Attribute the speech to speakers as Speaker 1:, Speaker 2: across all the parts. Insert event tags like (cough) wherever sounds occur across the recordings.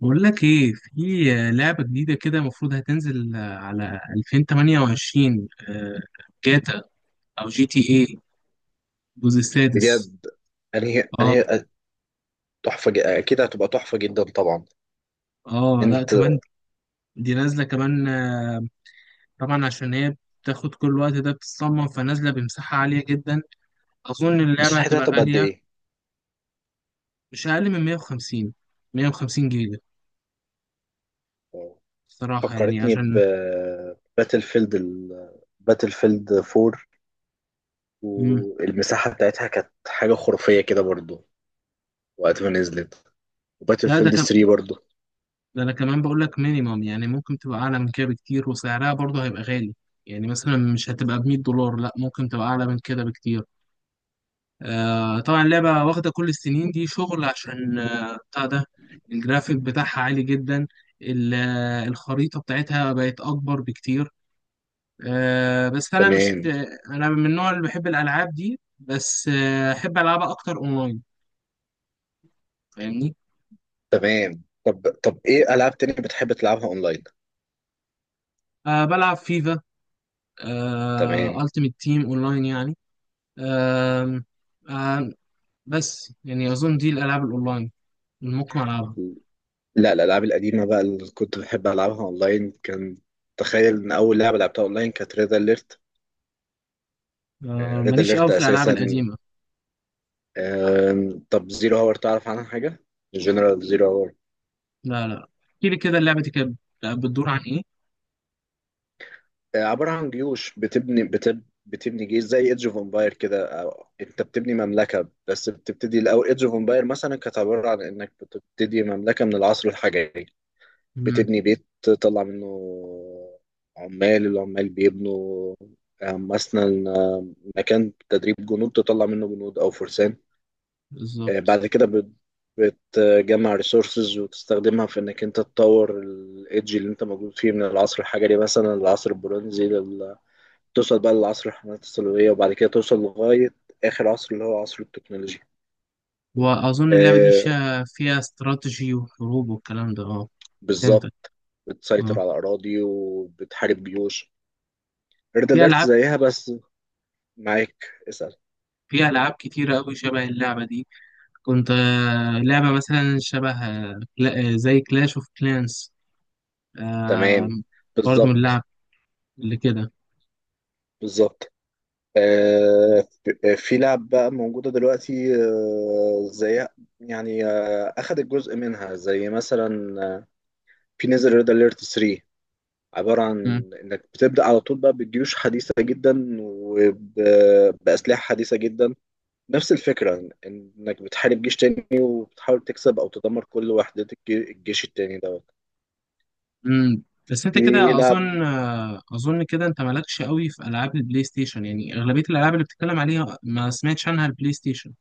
Speaker 1: بقول لك ايه، في لعبة جديدة كده المفروض هتنزل على 2028. جاتا او جي تي ايه، الجزء السادس.
Speaker 2: بجد. انهي
Speaker 1: اه،
Speaker 2: انهي اكيد هتبقى تحفه جدا طبعا.
Speaker 1: اه لا
Speaker 2: انت،
Speaker 1: كمان، دي نازلة كمان. طبعا عشان هي بتاخد كل الوقت ده بتتصمم، فنازلة بمساحة عالية جدا. اظن اللعبة
Speaker 2: مساحتها
Speaker 1: هتبقى
Speaker 2: هتبقى قد
Speaker 1: غالية،
Speaker 2: ايه؟
Speaker 1: مش اقل من 150، 150 جيجا صراحة. يعني
Speaker 2: فكرتني ب
Speaker 1: عشان
Speaker 2: باتل فيلد ال... باتل فيلد 4.
Speaker 1: مم.
Speaker 2: والمساحه بتاعتها كانت حاجه خرافيه كده برضو وقت ما نزلت، وباتل
Speaker 1: لا،
Speaker 2: فيلد 3 برضو.
Speaker 1: ده انا كمان بقول لك مينيمم، يعني ممكن تبقى اعلى من كده بكتير، وسعرها برضه هيبقى غالي. يعني مثلا مش هتبقى ب $100، لا، ممكن تبقى اعلى من كده بكتير. طبعا اللعبه واخده كل السنين دي شغل، عشان بتاع ده، الجرافيك بتاعها عالي جدا. الخريطه بتاعتها بقت اكبر بكتير. آه بس انا مش
Speaker 2: تمام.
Speaker 1: انا من النوع اللي بحب الالعاب دي، بس احب العبها اكتر اونلاين، فاهمني.
Speaker 2: طب ايه العاب تانية بتحب تلعبها اونلاين؟
Speaker 1: بلعب فيفا،
Speaker 2: تمام.
Speaker 1: التيمت تيم اونلاين يعني. آم، آم، بس يعني أظن دي الألعاب الأونلاين اللي ممكن ألعبها.
Speaker 2: لا، الالعاب القديمه بقى اللي كنت بحب العبها اونلاين كان، تخيل ان اول لعبه لعبتها اونلاين كانت ريد اليرت. ريد
Speaker 1: ماليش
Speaker 2: اليرت
Speaker 1: قوي في الألعاب
Speaker 2: اساسا.
Speaker 1: القديمة.
Speaker 2: طب زيرو هاور تعرف عنها حاجه؟ جنرال زيرو هاور.
Speaker 1: لا، لا، احكي لي كده اللعبة دي كانت بتدور عن إيه؟
Speaker 2: عباره عن جيوش بتبني جيش زي ايدج اوف امباير كده، أو انت بتبني مملكه. بس بتبتدي الاول ايدج اوف امباير مثلا كانت عباره عن انك بتبتدي مملكه من العصر الحجري.
Speaker 1: مم،
Speaker 2: بتبني بيت تطلع منه عمال، العمال بيبنوا. مثلا مكان تدريب جنود تطلع منه جنود او فرسان.
Speaker 1: بالظبط.
Speaker 2: بعد كده بتجمع ريسورسز وتستخدمها في انك انت تطور الايدج اللي انت موجود فيه من العصر الحجري مثلا للعصر البرونزي توصل بقى للعصر الحملات الصليبية، وبعد كده توصل لغاية آخر عصر اللي هو عصر التكنولوجيا.
Speaker 1: وأظن اللعبة دي
Speaker 2: آه،
Speaker 1: فيها استراتيجي وحروب والكلام ده، أه. فهمتك.
Speaker 2: بالظبط. بتسيطر
Speaker 1: أه،
Speaker 2: على أراضي وبتحارب جيوش. ريد
Speaker 1: في
Speaker 2: أليرت
Speaker 1: ألعاب
Speaker 2: زيها بس. معاك، اسأل.
Speaker 1: في ألعاب كتيرة أوي شبه اللعبة دي. كنت لعبة مثلا شبه، زي كلاش أوف كلانس،
Speaker 2: تمام.
Speaker 1: برضه من اللعب
Speaker 2: بالظبط.
Speaker 1: اللي كده.
Speaker 2: بالظبط. في لعب بقى موجودة دلوقتي زيها. يعني أخدت جزء منها زي مثلا آه، في نزل ريد أليرت 3. عبارة عن إنك بتبدأ على طول بقى بجيوش حديثة جدا وبأسلحة حديثة جدا. نفس الفكرة إنك بتحارب جيش تاني وبتحاول تكسب أو تدمر كل وحدات الجيش التاني دوت.
Speaker 1: امم. بس انت
Speaker 2: في
Speaker 1: كده
Speaker 2: لعب.
Speaker 1: اظن، كده انت مالكش قوي في العاب البلاي ستيشن، يعني اغلبيه الالعاب اللي بتتكلم عليها ما سمعتش عنها البلاي ستيشن.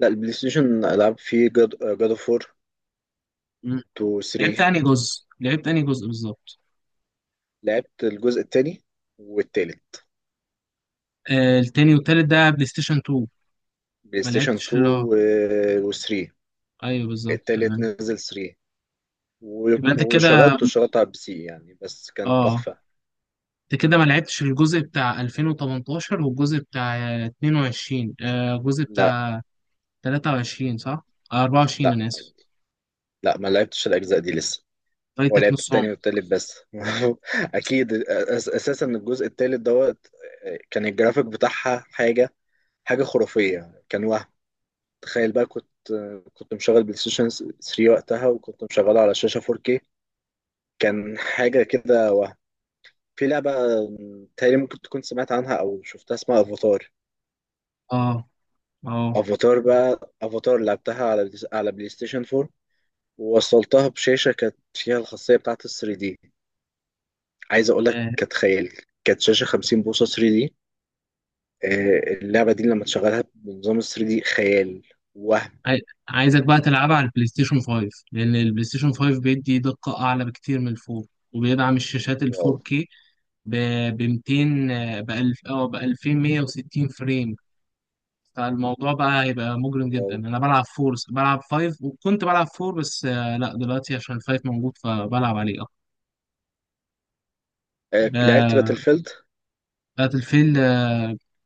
Speaker 2: لا، البلاي ستيشن ألعاب فيه. جاد أوف وور
Speaker 1: مم.
Speaker 2: 2،
Speaker 1: لعبت
Speaker 2: 3.
Speaker 1: انهي جزء، لعبت انهي جزء بالظبط؟
Speaker 2: لعبت الجزء التاني والتالت.
Speaker 1: التاني والتالت ده بلاي ستيشن 2؟
Speaker 2: بلاي
Speaker 1: ما
Speaker 2: ستيشن
Speaker 1: لعبتش
Speaker 2: 2
Speaker 1: اللي هو.
Speaker 2: و3.
Speaker 1: ايوه بالظبط،
Speaker 2: التالت
Speaker 1: تمام.
Speaker 2: نزل 3،
Speaker 1: يبقى انت كده،
Speaker 2: وشغلته على البي سي يعني، بس كان
Speaker 1: اه،
Speaker 2: تحفة.
Speaker 1: انت كده ما لعبتش الجزء بتاع 2018 والجزء بتاع 22، الجزء
Speaker 2: لا
Speaker 1: بتاع 23، صح؟
Speaker 2: لا،
Speaker 1: 24، انا اسف.
Speaker 2: لا، ما لعبتش الأجزاء دي لسه. هو
Speaker 1: فايتك
Speaker 2: لعبت
Speaker 1: نص عمر.
Speaker 2: التاني والتالت بس. (laughs) أكيد أس- أساسا الجزء التالت دوت، كان الجرافيك بتاعها حاجة، حاجة خرافية. كان وهم. تخيل بقى، كنت مشغل بلاي ستيشن 3 وقتها، وكنت مشغله على شاشة 4K. كان حاجة كده، وهم. في لعبة تقريبا ممكن تكون سمعت عنها أو شفتها، اسمها أفاتار.
Speaker 1: اه، اه.
Speaker 2: أفاتار بقى. أفاتار لعبتها على بلاي ستيشن 4، ووصلتها بشاشة كانت فيها الخاصية بتاعة ال 3 دي. عايز أقول لك، كانت خيال. كانت شاشة 50 بوصة 3 دي. اللعبة دي لما تشغلها بنظام ال 3 دي خيال. وهم.
Speaker 1: عاي- عايزك بقى تلعبها على البلاي ستيشن 5، لان البلاي ستيشن 5 بيدي دقة اعلى بكتير من الفور، وبيدعم الشاشات ال
Speaker 2: واو.
Speaker 1: 4K، ب، 200، ب 1000 او ب 2160 فريم. فالموضوع بقى هيبقى مجرم جدا.
Speaker 2: واو.
Speaker 1: انا بلعب فور، بلعب 5، وكنت بلعب فور بس. لا دلوقتي عشان الفايف موجود فبلعب عليه اكتر.
Speaker 2: لعبت
Speaker 1: آه،
Speaker 2: باتل فيلد.
Speaker 1: باتل فيلد،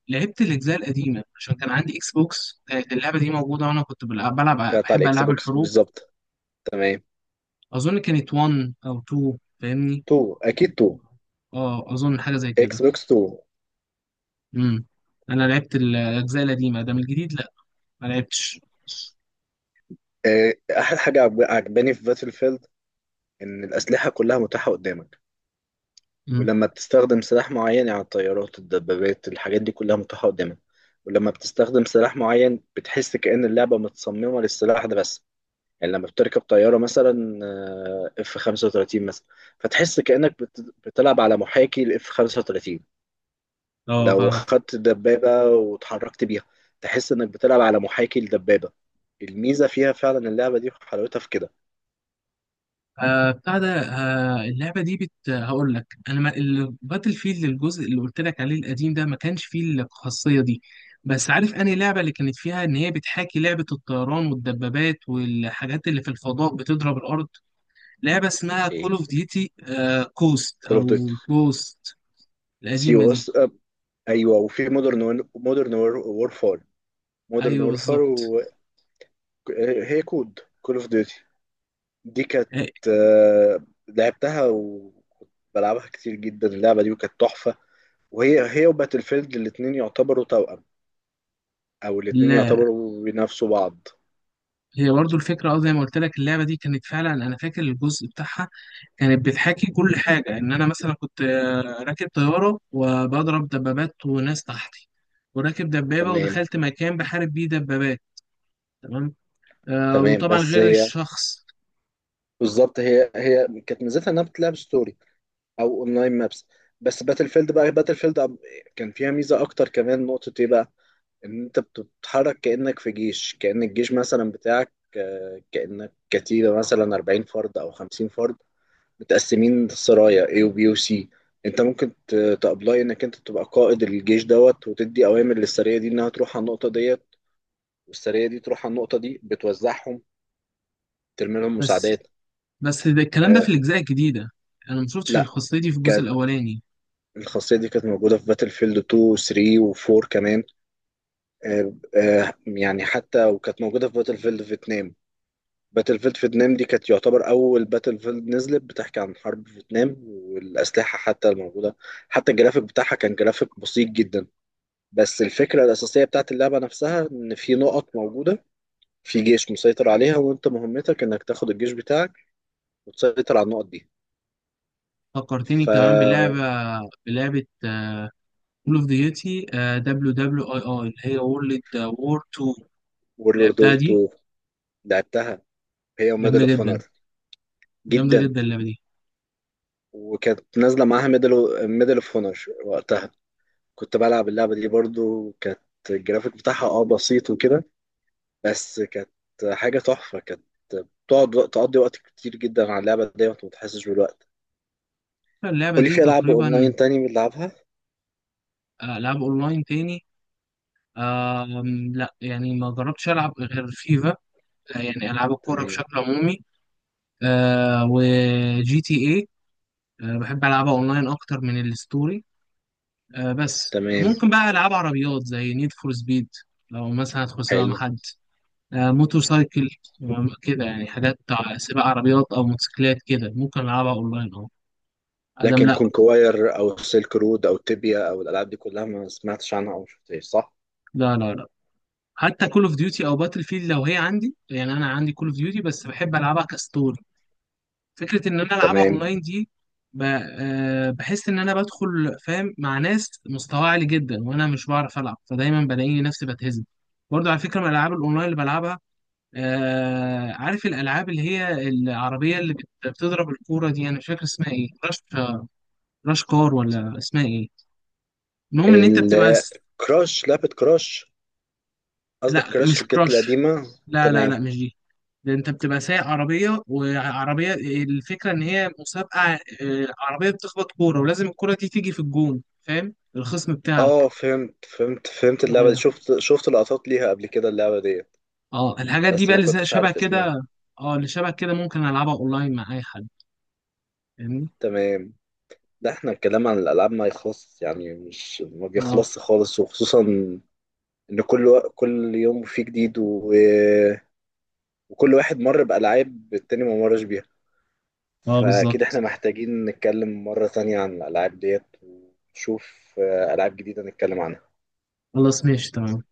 Speaker 1: لعبت الاجزاء القديمه عشان كان عندي اكس بوكس، كانت اللعبه دي موجوده، وانا كنت بلعب،
Speaker 2: كانت على
Speaker 1: بحب
Speaker 2: الإكس
Speaker 1: العاب
Speaker 2: بوكس
Speaker 1: الحروب.
Speaker 2: بالظبط. تمام.
Speaker 1: اظن كانت 1 او 2، فاهمني.
Speaker 2: 2، أكيد 2.
Speaker 1: اه اظن حاجه زي كده.
Speaker 2: إكس بوكس 2.
Speaker 1: امم. انا لعبت الاجزاء القديمه، ده من الجديد لا، ما لعبتش.
Speaker 2: آه، أحلى حاجة عجباني في باتل فيلد إن الأسلحة كلها متاحة قدامك.
Speaker 1: امم.
Speaker 2: ولما بتستخدم سلاح معين، يعني الطيارات، الدبابات، الحاجات دي كلها متاحة قدامك. ولما بتستخدم سلاح معين بتحس كأن اللعبة متصممة للسلاح ده بس. يعني لما بتركب طيارة مثلا، اف 35 مثلا، فتحس كأنك بتلعب على محاكي الاف 35.
Speaker 1: اه
Speaker 2: لو
Speaker 1: فاهم.
Speaker 2: خدت دبابة وتحركت بيها، تحس انك بتلعب على محاكي الدبابة. الميزة فيها فعلا اللعبة دي، وحلاوتها في كده.
Speaker 1: بتاع ده، اللعبه دي هقول لك انا، ما الباتل فيلد الجزء اللي قلت لك عليه القديم ده ما كانش فيه الخاصيه دي. بس عارف انهي لعبه اللي كانت فيها ان هي بتحاكي لعبه الطيران والدبابات والحاجات اللي في الفضاء بتضرب الارض، لعبه اسمها كول
Speaker 2: ايه؟
Speaker 1: اوف ديوتي. كوست
Speaker 2: كول اوف
Speaker 1: او
Speaker 2: ديوتي.
Speaker 1: كوست،
Speaker 2: سي
Speaker 1: القديمه
Speaker 2: او
Speaker 1: دي.
Speaker 2: اس. ايوه، وفي مودرن وورفار. مودرن
Speaker 1: ايوه
Speaker 2: وورفار.
Speaker 1: بالظبط.
Speaker 2: وهي كود، كول اوف ديوتي. دي كانت، لعبتها وكنت بلعبها كتير جدا اللعبه دي، وكانت تحفه. وهي وباتل فيلد الاتنين يعتبروا توأم، او الاتنين يعتبروا بينافسوا بعض.
Speaker 1: هي برضو الفكرة، اه زي ما قلت لك، اللعبة دي كانت فعلا. أنا فاكر الجزء بتاعها كانت بتحاكي كل حاجة، إن أنا مثلا كنت راكب طيارة وبضرب دبابات وناس تحتي، وراكب دبابة
Speaker 2: تمام.
Speaker 1: ودخلت مكان بحارب بيه دبابات. تمام.
Speaker 2: تمام.
Speaker 1: وطبعا
Speaker 2: بس
Speaker 1: غير
Speaker 2: هي
Speaker 1: الشخص.
Speaker 2: بالظبط، هي كانت ميزتها انها بتلعب ستوري او اونلاين مابس. بس باتل فيلد بقى، باتل فيلد كان فيها ميزه اكتر كمان. نقطه ايه بقى؟ ان انت بتتحرك كأنك في جيش، كأن الجيش مثلا بتاعك كأنك كتيبة مثلا 40 فرد او 50 فرد متقسمين سرايا A و B و C. انت ممكن تابلاي انك انت تبقى قائد الجيش دوت، وتدي اوامر للسرية دي انها تروح على النقطة ديت، والسرية دي تروح على النقطة دي بتوزعهم، ترمي لهم
Speaker 1: بس
Speaker 2: مساعدات.
Speaker 1: بس ده الكلام ده في
Speaker 2: آه.
Speaker 1: الأجزاء الجديدة، أنا مشوفتش
Speaker 2: لا،
Speaker 1: الخاصية دي في الجزء
Speaker 2: كانت،
Speaker 1: الأولاني.
Speaker 2: الخاصية دي كانت موجودة في باتل فيلد 2 و 3 و 4 كمان. يعني حتى، وكانت موجودة في باتل فيلد فيتنام. باتل فيلد فيتنام دي كانت يعتبر أول باتل فيلد نزلت بتحكي عن حرب فيتنام، والأسلحة حتى الموجودة، حتى الجرافيك بتاعها كان جرافيك بسيط جدا. بس الفكرة الأساسية بتاعت اللعبة نفسها إن في نقط موجودة، في جيش مسيطر عليها، وأنت مهمتك إنك تاخد الجيش بتاعك وتسيطر على النقط دي.
Speaker 1: فكرتني
Speaker 2: ف،
Speaker 1: كمان بلعبة، بلعبة كول اوف ديوتي دبليو دبليو اي اي، اللي هي وورلد وور 2،
Speaker 2: وورلد
Speaker 1: لعبتها
Speaker 2: وور 2.
Speaker 1: دي.
Speaker 2: لعبتها، هي وميدل
Speaker 1: جامدة
Speaker 2: اوف اونر.
Speaker 1: جدا، جامدة
Speaker 2: جدا.
Speaker 1: جدا اللعبة دي.
Speaker 2: وكانت نازلة معاها ميدل اوف اونر وقتها. كنت بلعب اللعبة دي برضو، كانت الجرافيك بتاعها اه بسيط وكده، بس كانت حاجة تحفة. كانت تقضي وقت كتير جدا على اللعبة دي وانت متحسش بالوقت.
Speaker 1: اللعبة
Speaker 2: قولي،
Speaker 1: دي
Speaker 2: في ألعاب
Speaker 1: تقريبا.
Speaker 2: أونلاين تاني بنلعبها؟
Speaker 1: ألعاب أونلاين تاني؟ لا يعني ما جربتش ألعب غير فيفا، يعني ألعاب الكورة
Speaker 2: تمام.
Speaker 1: بشكل عمومي، وجي تي إيه، بحب ألعبها أونلاين أكتر من الستوري. بس
Speaker 2: تمام.
Speaker 1: ممكن بقى ألعاب عربيات زي نيد فور سبيد، لو مثلا أدخل سباق مع
Speaker 2: حلو.
Speaker 1: حد. موتور سايكل، كده يعني حاجات سباق عربيات أو موتوسيكلات كده، ممكن ألعبها أونلاين، أه. أدم
Speaker 2: لكن
Speaker 1: لا.
Speaker 2: كونكواير أو سيلك رود أو تيبيا أو الألعاب دي كلها ما سمعتش عنها أو شفتهاش صح؟
Speaker 1: لا، لا، لا. حتى كول اوف ديوتي او باتل فيلد لو هي عندي، يعني انا عندي كول اوف ديوتي بس بحب العبها كستوري. فكره ان انا العبها
Speaker 2: تمام.
Speaker 1: اونلاين دي، ب- بحس ان انا بدخل فاهم مع ناس مستواها عالي جدا، وانا مش بعرف العب، فدايما بلاقيني نفسي بتهزم. برضو على فكره، من الالعاب الاونلاين اللي بلعبها، عارف الالعاب اللي هي العربيه اللي بتضرب الكوره دي، انا مش فاكر اسمها ايه، راش؟ راش كار؟ ولا اسمها ايه؟ المهم ان انت بتبقى
Speaker 2: الكراش، لعبة كراش. قصدك
Speaker 1: لا
Speaker 2: كراش
Speaker 1: مش
Speaker 2: اللي كانت
Speaker 1: كراش،
Speaker 2: القديمة.
Speaker 1: لا، لا، لا
Speaker 2: تمام.
Speaker 1: مش دي. ده انت بتبقى سايق عربيه، وعربيه الفكره ان هي مسابقه، عربيه بتخبط كوره ولازم الكوره دي تيجي في الجون، فاهم، الخصم بتاعك.
Speaker 2: اه، فهمت فهمت فهمت. اللعبة دي
Speaker 1: ايوه.
Speaker 2: شفت لقطات ليها قبل كده. اللعبة دي
Speaker 1: اه، الحاجات دي
Speaker 2: بس
Speaker 1: بقى
Speaker 2: ما
Speaker 1: اللي
Speaker 2: كنتش
Speaker 1: شبه
Speaker 2: عارف اسمها.
Speaker 1: كده. اه اللي شبه كده ممكن العبها اونلاين مع اي حد، فاهمني.
Speaker 2: تمام. ده احنا الكلام عن الألعاب ما يخلص يعني، مش ما
Speaker 1: اه،
Speaker 2: بيخلصش خالص. وخصوصا إن كل كل يوم فيه جديد وكل واحد مر بألعاب التاني ما مرش بيها،
Speaker 1: اه
Speaker 2: فأكيد احنا
Speaker 1: بالظبط.
Speaker 2: محتاجين نتكلم مرة تانية عن الألعاب ديت ونشوف ألعاب جديدة نتكلم عنها.
Speaker 1: خلاص، ماشي، تمام.